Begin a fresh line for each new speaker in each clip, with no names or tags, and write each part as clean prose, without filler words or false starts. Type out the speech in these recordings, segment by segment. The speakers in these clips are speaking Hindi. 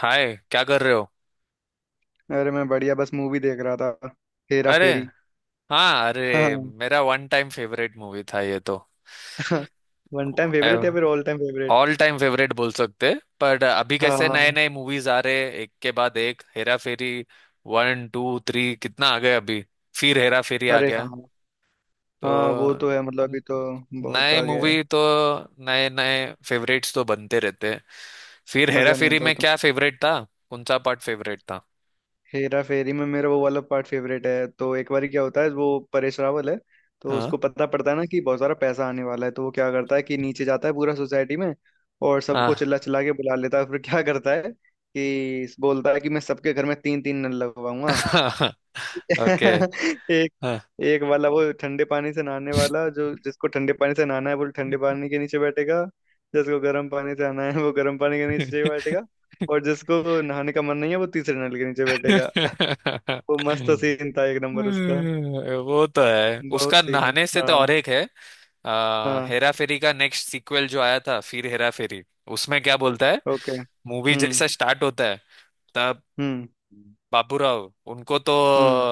हाय, क्या कर रहे हो।
अरे, मैं बढ़िया। बस मूवी देख रहा था। हेरा
अरे।
फेरी।
हाँ,
हाँ।
अरे मेरा वन टाइम फेवरेट मूवी था ये तो।
वन टाइम फेवरेट या फिर all time favourite?
All time favourite बोल सकते। पर अभी कैसे नए
हाँ।
नए मूवीज आ रहे, एक के बाद एक। Hera Pheri one two three कितना आ गए अभी, फिर हेरा फेरी आ
अरे
गया।
हाँ। हाँ, वो
तो
तो है। मतलब
न-
अभी तो बहुत
नए
आ गया है।
मूवी तो, नए नए फेवरेट्स तो बनते रहते हैं। फिर हेरा
मजा नहीं
फेरी
आता
में
उतना।
क्या फेवरेट था, कौन सा पार्ट फेवरेट था।
हेरा फेरी में मेरा वो वाला पार्ट फेवरेट है। तो एक बार क्या होता है, वो परेश रावल है, तो
हाँ
उसको पता पड़ता है ना कि बहुत सारा पैसा आने वाला है, तो वो क्या करता है कि नीचे जाता है पूरा सोसाइटी में, और
हाँ।
सबको चिल्ला चिल्ला के बुला लेता है। फिर क्या करता है कि बोलता है कि मैं सबके घर में तीन तीन नल लगवाऊंगा।
ओके।
एक।
हाँ।
एक वाला वो ठंडे पानी से नहाने वाला, जो जिसको ठंडे पानी से नहाना है वो ठंडे पानी के नीचे बैठेगा, जिसको गर्म पानी से नहाना है वो गर्म पानी के नीचे बैठेगा, और जिसको नहाने का मन नहीं है वो तीसरे नल के नीचे बैठेगा। वो मस्त सीन था। एक नंबर उसका।
वो तो है,
बहुत
उसका
सीन।
नहाने से तो और
हाँ।
एक है।
हाँ,
हेरा फेरी का नेक्स्ट सीक्वल जो आया था, फिर हेरा फेरी, उसमें क्या बोलता है।
ओके।
मूवी
हम्म।
जैसा स्टार्ट होता है तब,
हम्म।
बाबूराव उनको तो
हम्म।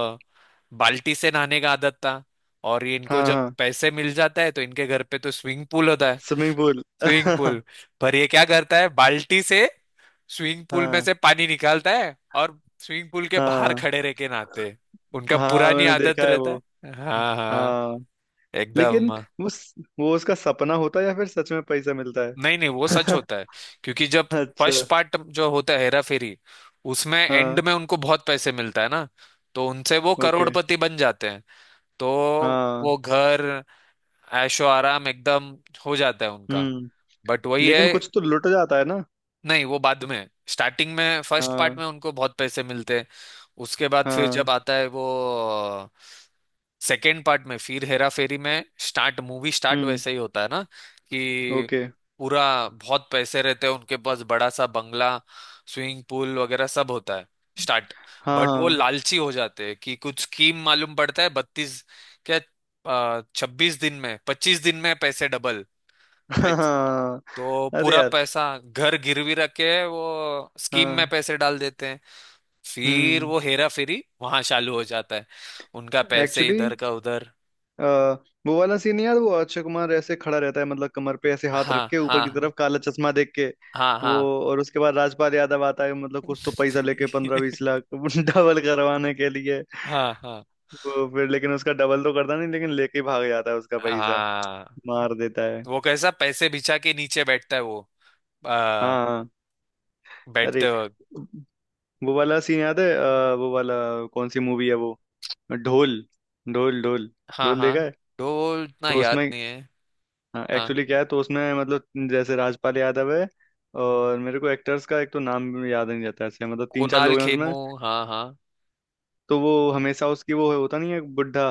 बाल्टी से नहाने का आदत था। और ये इनको
हाँ
जब
हाँ।
पैसे मिल जाता है तो इनके घर पे तो स्विमिंग पूल होता है,
स्विमिंग पूल।
Swimming pool. पर ये क्या करता है, बाल्टी से स्विमिंग पूल में
हाँ
से पानी निकालता है और स्विमिंग पूल के बाहर
हाँ
खड़े रह के नहाते हैं। उनका
हाँ।
पुरानी
मैंने
आदत
देखा है
रहता
वो।
है। हाँ। हाँ हाँ,
हाँ।
एकदम।
लेकिन वो स- वो उसका सपना होता है या फिर सच में पैसा मिलता
नहीं नहीं, वो सच
है?
होता है। क्योंकि जब
अच्छा।
फर्स्ट पार्ट जो होता है हेरा फेरी, उसमें एंड
हाँ।
में उनको बहुत पैसे मिलता है ना, तो उनसे वो
ओके।
करोड़पति बन जाते हैं। तो वो
हाँ।
घर, ऐशो आराम एकदम हो जाता है उनका।
हम्म।
बट वही है,
लेकिन कुछ तो लुट जाता है ना?
नहीं वो बाद में, स्टार्टिंग में फर्स्ट पार्ट
हाँ।
में उनको बहुत पैसे मिलते हैं। उसके बाद फिर जब
हाँ।
आता है वो सेकेंड पार्ट में, फिर हेरा फेरी में स्टार्ट, मूवी स्टार्ट
हम्म।
वैसे ही होता है ना कि
ओके।
पूरा बहुत पैसे रहते हैं उनके पास, बड़ा सा बंगला, स्विमिंग पूल वगैरह सब होता है स्टार्ट।
हाँ
बट वो
हाँ।
लालची हो जाते हैं कि कुछ स्कीम मालूम पड़ता है, 32, क्या 26 दिन में, 25 दिन में पैसे डबल।
हाँ।
तो
अरे
पूरा
यार।
पैसा घर गिरवी रख के वो स्कीम में
हाँ।
पैसे डाल देते हैं। फिर
हम्म।
वो हेरा फेरी वहां चालू हो जाता है, उनका पैसे
एक्चुअली,
इधर का उधर।
वो वाला सीन यार, वो अक्षय कुमार ऐसे खड़ा रहता है, मतलब कमर पे ऐसे हाथ रख
हाँ
के ऊपर की
हाँ।
तरफ काला चश्मा देख के।
हाँ
वो,
हाँ।
और उसके बाद राजपाल यादव आता है, मतलब कुछ तो पैसा लेके, पंद्रह बीस लाख डबल करवाने के लिए।
हाँ हाँ
वो फिर लेकिन उसका डबल तो करता नहीं, लेकिन लेके भाग जाता है उसका पैसा।
हाँ।
मार देता है।
वो कैसा पैसे बिछा के नीचे बैठता है वो, आ,
हाँ हाँ। अरे,
बैठते वक्त।
वो वाला सीन याद है? वो वाला कौन सी मूवी है वो? ढोल। ढोल ढोल।
हाँ
ढोल देखा
हाँ,
है?
तो वो इतना
तो
याद
उसमें
नहीं है। हाँ।
एक्चुअली क्या है, तो उसमें मतलब, जैसे राजपाल यादव है, और मेरे को एक्टर्स का एक तो नाम याद नहीं रहता ऐसे। मतलब तीन चार
कुणाल
लोग हैं उसमें।
खेमू, हाँ हाँ।
तो वो हमेशा, उसकी वो होता नहीं है, बुढ़ा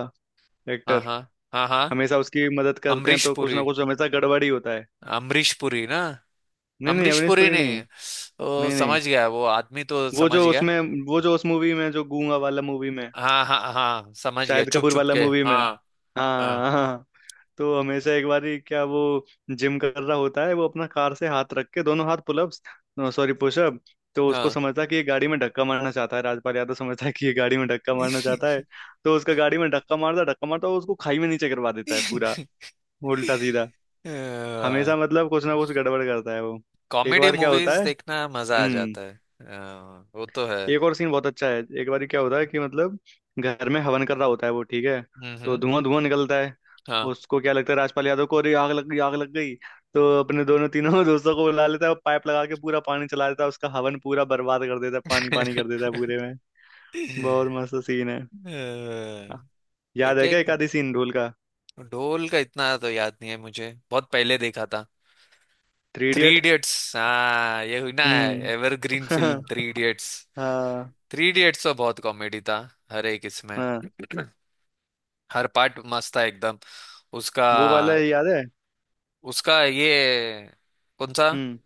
हाँ
एक्टर,
हाँ। हाँ हाँ।
हमेशा उसकी मदद करते हैं,
अमरीश
तो कुछ ना
पुरी,
कुछ हमेशा गड़बड़ ही होता है।
अमरीश पुरी ना,
नहीं नहीं,
अमरीश
अवनीश
पुरी
पुरी
ने।
नहीं।
ओ,
नहीं नहीं।
समझ गया, वो आदमी तो
वो जो
समझ गया।
उसमें वो जो उस मूवी में, जो गूंगा वाला मूवी में,
हाँ हाँ हाँ, समझ गया,
शाहिद
चुप
कपूर
चुप
वाला
के,
मूवी में।
हाँ। हाँ।
हाँ हाँ। तो हमेशा एक बार ही क्या, वो जिम कर रहा होता है, वो अपना कार से हाथ रख के, दोनों हाथ पुलअप्स, सॉरी पुशअप। तो उसको
हाँ।
समझता है कि ये गाड़ी में धक्का मारना चाहता है, राजपाल यादव समझता है कि ये गाड़ी में धक्का मारना चाहता है, तो उसका गाड़ी में धक्का मारता धक्का मारता, और उसको खाई में नीचे करवा देता है पूरा उल्टा सीधा। हमेशा मतलब कुछ ना कुछ गड़बड़ करता है वो। एक
कॉमेडी
बार क्या होता
मूवीज
है।
देखना मजा आ
हम्म।
जाता है। वो तो है।
एक और सीन बहुत अच्छा है। एक बार क्या होता है कि मतलब, घर में हवन कर रहा होता है, वो ठीक है, तो
हम्म।
धुआं धुआं निकलता है।
हाँ।
उसको क्या लगता है, राजपाल यादव को, अरे आग लग गई, आग लग गई। तो अपने दोनों तीनों दोस्तों को बुला लेता है, और पाइप लगा के पूरा पानी चला देता है। उसका हवन पूरा बर्बाद कर देता है, पानी पानी कर देता है पूरे में। बहुत मस्त सीन है। याद
एक
है क्या
एक,
एक आधी सीन ढोल का?
ढोल का इतना तो याद नहीं है मुझे, बहुत पहले देखा था।
Three
three
idiot.
इडियट्स, हाँ, ये हुई ना
हम्म।
Evergreen film, three idiots.
हाँ।
थ्री इडियट्स तो बहुत कॉमेडी था, हर एक इसमें।
हाँ,
हर पार्ट मस्त था एकदम, उसका।
वो वाला याद है?
उसका ये, कौन सा।
हम्म।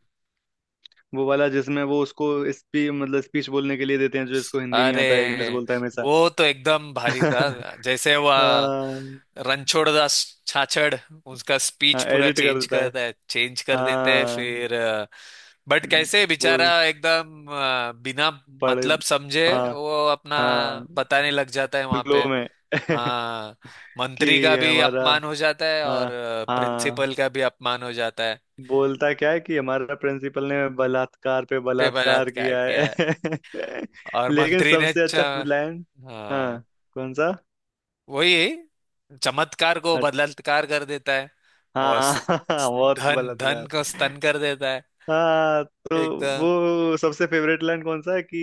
वो वाला जिसमें वो उसको स्पी मतलब स्पीच बोलने के लिए देते हैं, जो इसको हिंदी नहीं
अरे,
आता है, इंग्लिश बोलता है हमेशा।
वो तो एकदम भारी था। जैसे वह
हाँ।
रणछोड़ दास छाछड़, उसका स्पीच पूरा
एडिट कर
चेंज
देता है।
करता है, चेंज कर देते हैं,
हाँ।
फिर। बट कैसे बेचारा
बोल।
एकदम, बिना
पढ़।
मतलब समझे
हाँ
वो अपना
हाँ।
बताने लग जाता है वहां
फ्लो
पे।
में।
हाँ। मंत्री
कि
का भी
हमारा।
अपमान हो जाता है, और
हाँ हाँ।
प्रिंसिपल का भी अपमान हो जाता है।
बोलता क्या है कि हमारा प्रिंसिपल ने बलात्कार पे
पे
बलात्कार
बलात्कार
किया
किया
है।
है, और
लेकिन
मंत्री ने
सबसे अच्छा लाइन।
हाँ,
हाँ। कौन सा?
वही, चमत्कार को
अच्छा।
बलात्कार कर देता है। और
हाँ।
स-
बहुत
धन धन
बलात्कार।
को स्तन कर देता है
हाँ। तो
एकदम।
वो सबसे फेवरेट लाइन कौन सा है कि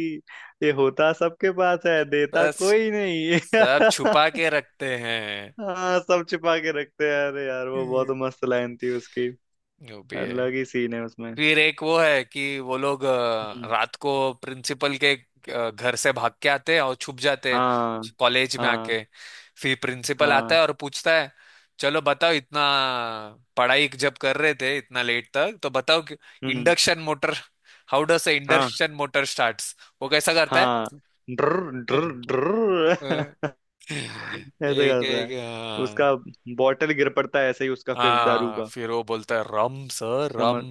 ये होता सबके पास है, देता
बस
कोई नहीं।
सब छुपा के रखते हैं।
हाँ, सब छिपा के रखते हैं। अरे यार, वो बहुत
हम्म।
मस्त लाइन थी उसकी।
जो भी है।
अलग ही सीन है उसमें।
फिर एक वो है कि वो लोग
हम्म।
रात को प्रिंसिपल के घर से भाग के आते हैं और छुप जाते हैं,
हाँ।
कॉलेज में
हाँ।
आके। फिर प्रिंसिपल आता
हाँ।
है और पूछता है, चलो बताओ, इतना पढ़ाई जब कर रहे थे इतना लेट तक तो बताओ कि
हम्म।
इंडक्शन मोटर, हाउ डस
हाँ
इंडक्शन मोटर स्टार्ट्स, वो कैसा करता है।
हाँ। ड्र ड्र।
हम्म।
ड्र।
अ,
ऐसे
एक
करता
एक,
है
हाँ।
उसका। बॉटल गिर पड़ता है ऐसे ही उसका, फिर दारू
हाँ,
का।
फिर वो बोलता है रम सर रम।
समझ।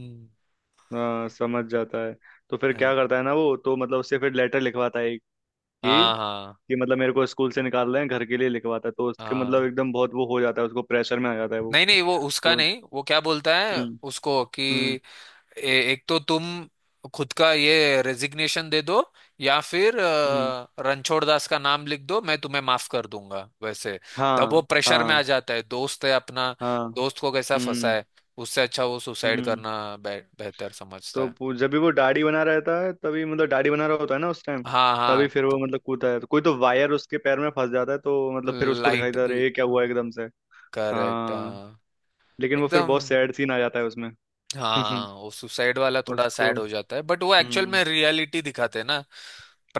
हाँ, समझ जाता है। तो फिर क्या करता है ना, वो तो मतलब उससे फिर लेटर लिखवाता है कि
हाँ हाँ।
कि मतलब मेरे को स्कूल से निकाल रहे हैं, घर के लिए लिखवाता है। तो उसके मतलब
हाँ,
एकदम बहुत वो हो जाता है, उसको प्रेशर में आ जाता है वो।
नहीं नहीं वो उसका
तो।
नहीं। वो क्या बोलता है
हम्म।
उसको कि
हम्म।
ए, एक तो तुम खुद का ये रेजिग्नेशन दे दो, या फिर
हम्म।
रणछोड़ दास का नाम लिख दो, मैं तुम्हें माफ कर दूंगा वैसे। तब वो
हाँ
प्रेशर में
हाँ।
आ जाता है। दोस्त है अपना,
हाँ।
दोस्त को कैसा फंसा
हम्म।
है, उससे अच्छा वो सुसाइड
हम्म।
करना बेहतर समझता
तो
है।
जब भी वो दाढ़ी बना रहता है, तभी मतलब दाढ़ी बना रहा होता है ना उस टाइम,
हाँ
तभी
हाँ
फिर
तो।
वो मतलब कूदता है, तो कोई तो वायर उसके पैर में फंस जाता है, तो मतलब फिर उसको दिखाई
लाइट
देता है, "अरे,
भी,
ये क्या हुआ एकदम से"।
करेक्ट
हाँ।
हाँ।
लेकिन वो फिर
एकदम।
बहुत सैड सीन आ जाता है उसमें।
हाँ, वो सुसाइड वाला थोड़ा
उसको।
सैड हो जाता है, बट वो एक्चुअल
हम्म।
में रियलिटी दिखाते हैं ना,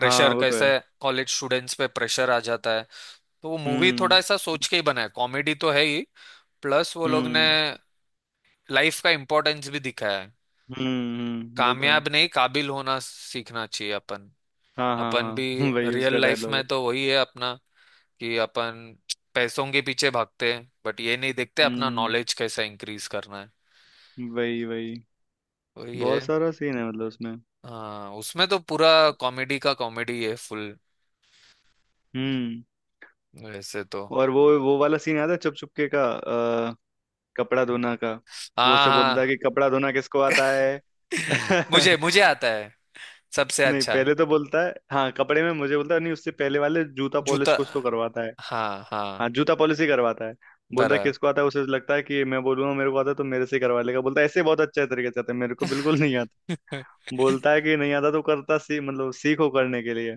हाँ, वो तो
कैसे
है।
कॉलेज स्टूडेंट्स पे प्रेशर आ जाता है। तो वो मूवी थोड़ा
हम्म।
ऐसा सोच के ही बना है, कॉमेडी तो है ही, प्लस वो लोग ने
हम्म।
लाइफ का इम्पोर्टेंस भी दिखाया है।
हम्म। वो तो है।
कामयाब नहीं, काबिल होना सीखना चाहिए अपन।
हाँ हाँ
अपन भी
हाँ। वही उसका
रियल लाइफ
डायलॉग
में
है।
तो वही है अपना, कि अपन पैसों के पीछे भागते हैं बट ये नहीं देखते अपना
हम्म।
नॉलेज कैसे इंक्रीज करना है।
वही वही।
वही है।
बहुत सारा सीन है मतलब उसमें।
हाँ उसमें तो पूरा कॉमेडी का कॉमेडी है फुल
हम्म।
वैसे तो।
और वो वाला सीन याद है चुप चुपके का? अ, कपड़ा धोना का। वो
हाँ
उसे बोलता है
हाँ।
कि कपड़ा धोना किसको आता है।
मुझे, मुझे आता है सबसे
नहीं,
अच्छा।
पहले तो बोलता है हाँ कपड़े में मुझे बोलता है, नहीं उससे पहले वाले जूता
जूता,
पॉलिश कुछ तो करवाता।
हाँ
हाँ,
हाँ।
जूता पॉलिसी करवाता है। बोलता है
बराबर।
किसको आता है, उसे लगता है कि मैं बोलूंगा मेरे को आता है तो मेरे से करवा लेगा, बोलता है ऐसे बहुत अच्छे तरीके से आता है मेरे को, बिल्कुल नहीं आता। बोलता है कि नहीं आता तो करता सी मतलब सीखो करने के लिए।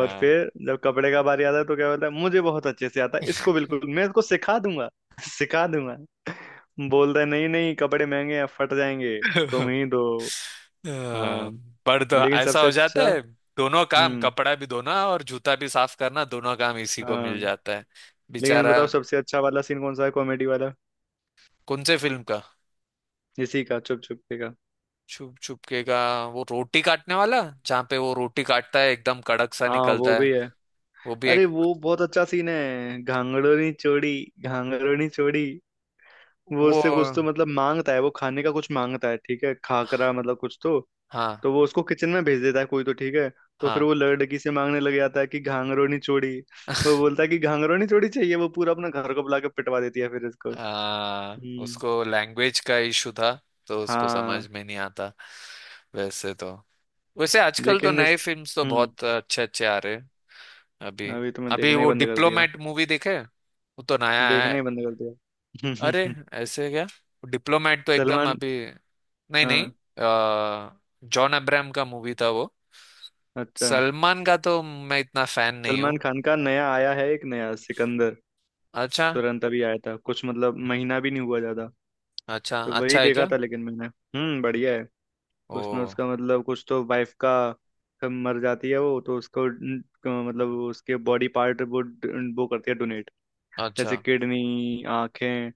और फिर जब कपड़े का बारी आता है तो क्या बोलता है, मुझे बहुत अच्छे से आता है इसको, बिल्कुल मैं इसको सिखा दूंगा सिखा दूंगा। बोलता है नहीं नहीं, कपड़े महंगे हैं फट जाएंगे, तुम ही दो।
हाँ,
हाँ।
पर तो
लेकिन
ऐसा
सबसे
हो जाता
अच्छा।
है, दोनों काम,
हम्म।
कपड़ा भी धोना और जूता भी साफ करना, दोनों काम इसी को मिल
हाँ।
जाता है
लेकिन
बेचारा।
बताओ, सबसे अच्छा वाला सीन कौन सा है कॉमेडी वाला?
कौन से फिल्म का।
इसी का, चुप चुप का।
छुप छुप के का। वो रोटी काटने वाला, जहाँ पे वो रोटी काटता है एकदम कड़क सा
हाँ वो
निकलता है।
भी है।
वो भी
अरे,
एक।
वो बहुत अच्छा सीन है, घांगड़ोनी चोड़ी। घांगड़ोनी चोड़ी। वो
वो,
उससे कुछ तो मतलब मांगता है, वो खाने का कुछ मांगता है ठीक है, खाकरा मतलब कुछ तो।
हाँ
तो वो उसको किचन में भेज देता है कोई तो ठीक है। तो फिर
हाँ।
वो लड़की से मांगने लग जाता है कि घांगड़ोनी चोड़ी। वो बोलता है कि घांगड़ोनी चोड़ी चाहिए, वो पूरा अपना घर को बुला के पिटवा देती है फिर इसको।
आ,
हम्म।
उसको लैंग्वेज का इशू था, तो उसको समझ
हाँ।
में नहीं आता वैसे तो। वैसे आजकल तो
लेकिन इस।
नए फिल्म्स तो
हम्म।
बहुत अच्छे अच्छे आ रहे हैं। अभी,
अभी तो मैं
अभी
देखना ही
वो
बंद कर दिया।
डिप्लोमेट मूवी देखे, वो तो नया
देखना
है।
ही बंद कर
अरे,
दिया।
ऐसे क्या। डिप्लोमेट तो एकदम
सलमान।
अभी। नहीं नहीं,
हाँ।
जॉन अब्राहम का मूवी था वो।
अच्छा।
सलमान का तो मैं इतना फैन नहीं
सलमान
हूँ।
खान का नया आया है एक, नया सिकंदर।
अच्छा।
तुरंत अभी आया था, कुछ मतलब महीना भी नहीं हुआ ज्यादा।
अच्छा,
तो वही
अच्छा है
देखा
क्या।
था लेकिन मैंने। हम्म, बढ़िया है।
ओ।
उसमें उसका मतलब कुछ तो, वाइफ का कब मर जाती है, वो तो उसको मतलब उसके बॉडी पार्ट वो करती है डोनेट,
अच्छा।
जैसे किडनी, आंखें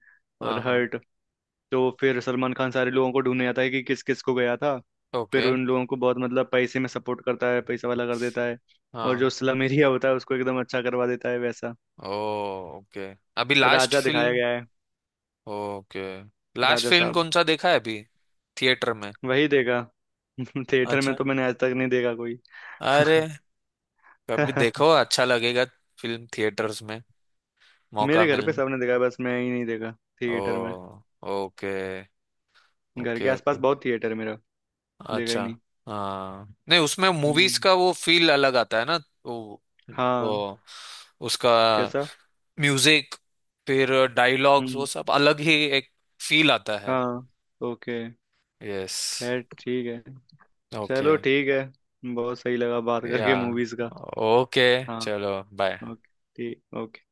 और
हाँ हाँ।
हार्ट। तो फिर सलमान खान सारे लोगों को ढूंढने आता है कि किस किस को गया था। फिर
ओके।
उन लोगों को बहुत मतलब पैसे में सपोर्ट करता है, पैसा वाला कर देता है, और जो
हाँ।
स्लम एरिया होता है उसको एकदम अच्छा करवा देता है, वैसा
ओ, ओके। अभी लास्ट
राजा दिखाया
फिल्म,
गया है।
ओके, लास्ट
राजा
फिल्म
साहब।
कौन सा देखा है अभी, थिएटर में।
वही देखा। थिएटर में
अच्छा।
तो मैंने आज तक नहीं देखा कोई।
अरे, कभी देखो अच्छा लगेगा, फिल्म थिएटर्स में, मौका
मेरे घर पे
मिलने।
सबने देखा है, बस मैं ही नहीं देखा
ओ,
थिएटर में।
ओके।
घर के
ओके
आसपास
ओके।
बहुत थिएटर है मेरा। देखा ही
अच्छा।
नहीं।
हाँ, नहीं उसमें
हम्म।
मूवीज का वो फील अलग आता है ना। वो,
हाँ।
वो उसका
कैसा?
म्यूजिक, फिर डायलॉग्स, वो
हम्म।
सब अलग ही एक फील आता है।
हाँ। ओके।
यस।
खैर ठीक है।
ओके।
चलो ठीक है, बहुत सही लगा बात
या,
करके मूवीज का।
ओके।
हाँ।
चलो, बाय।
ओके। ठीक। ओके।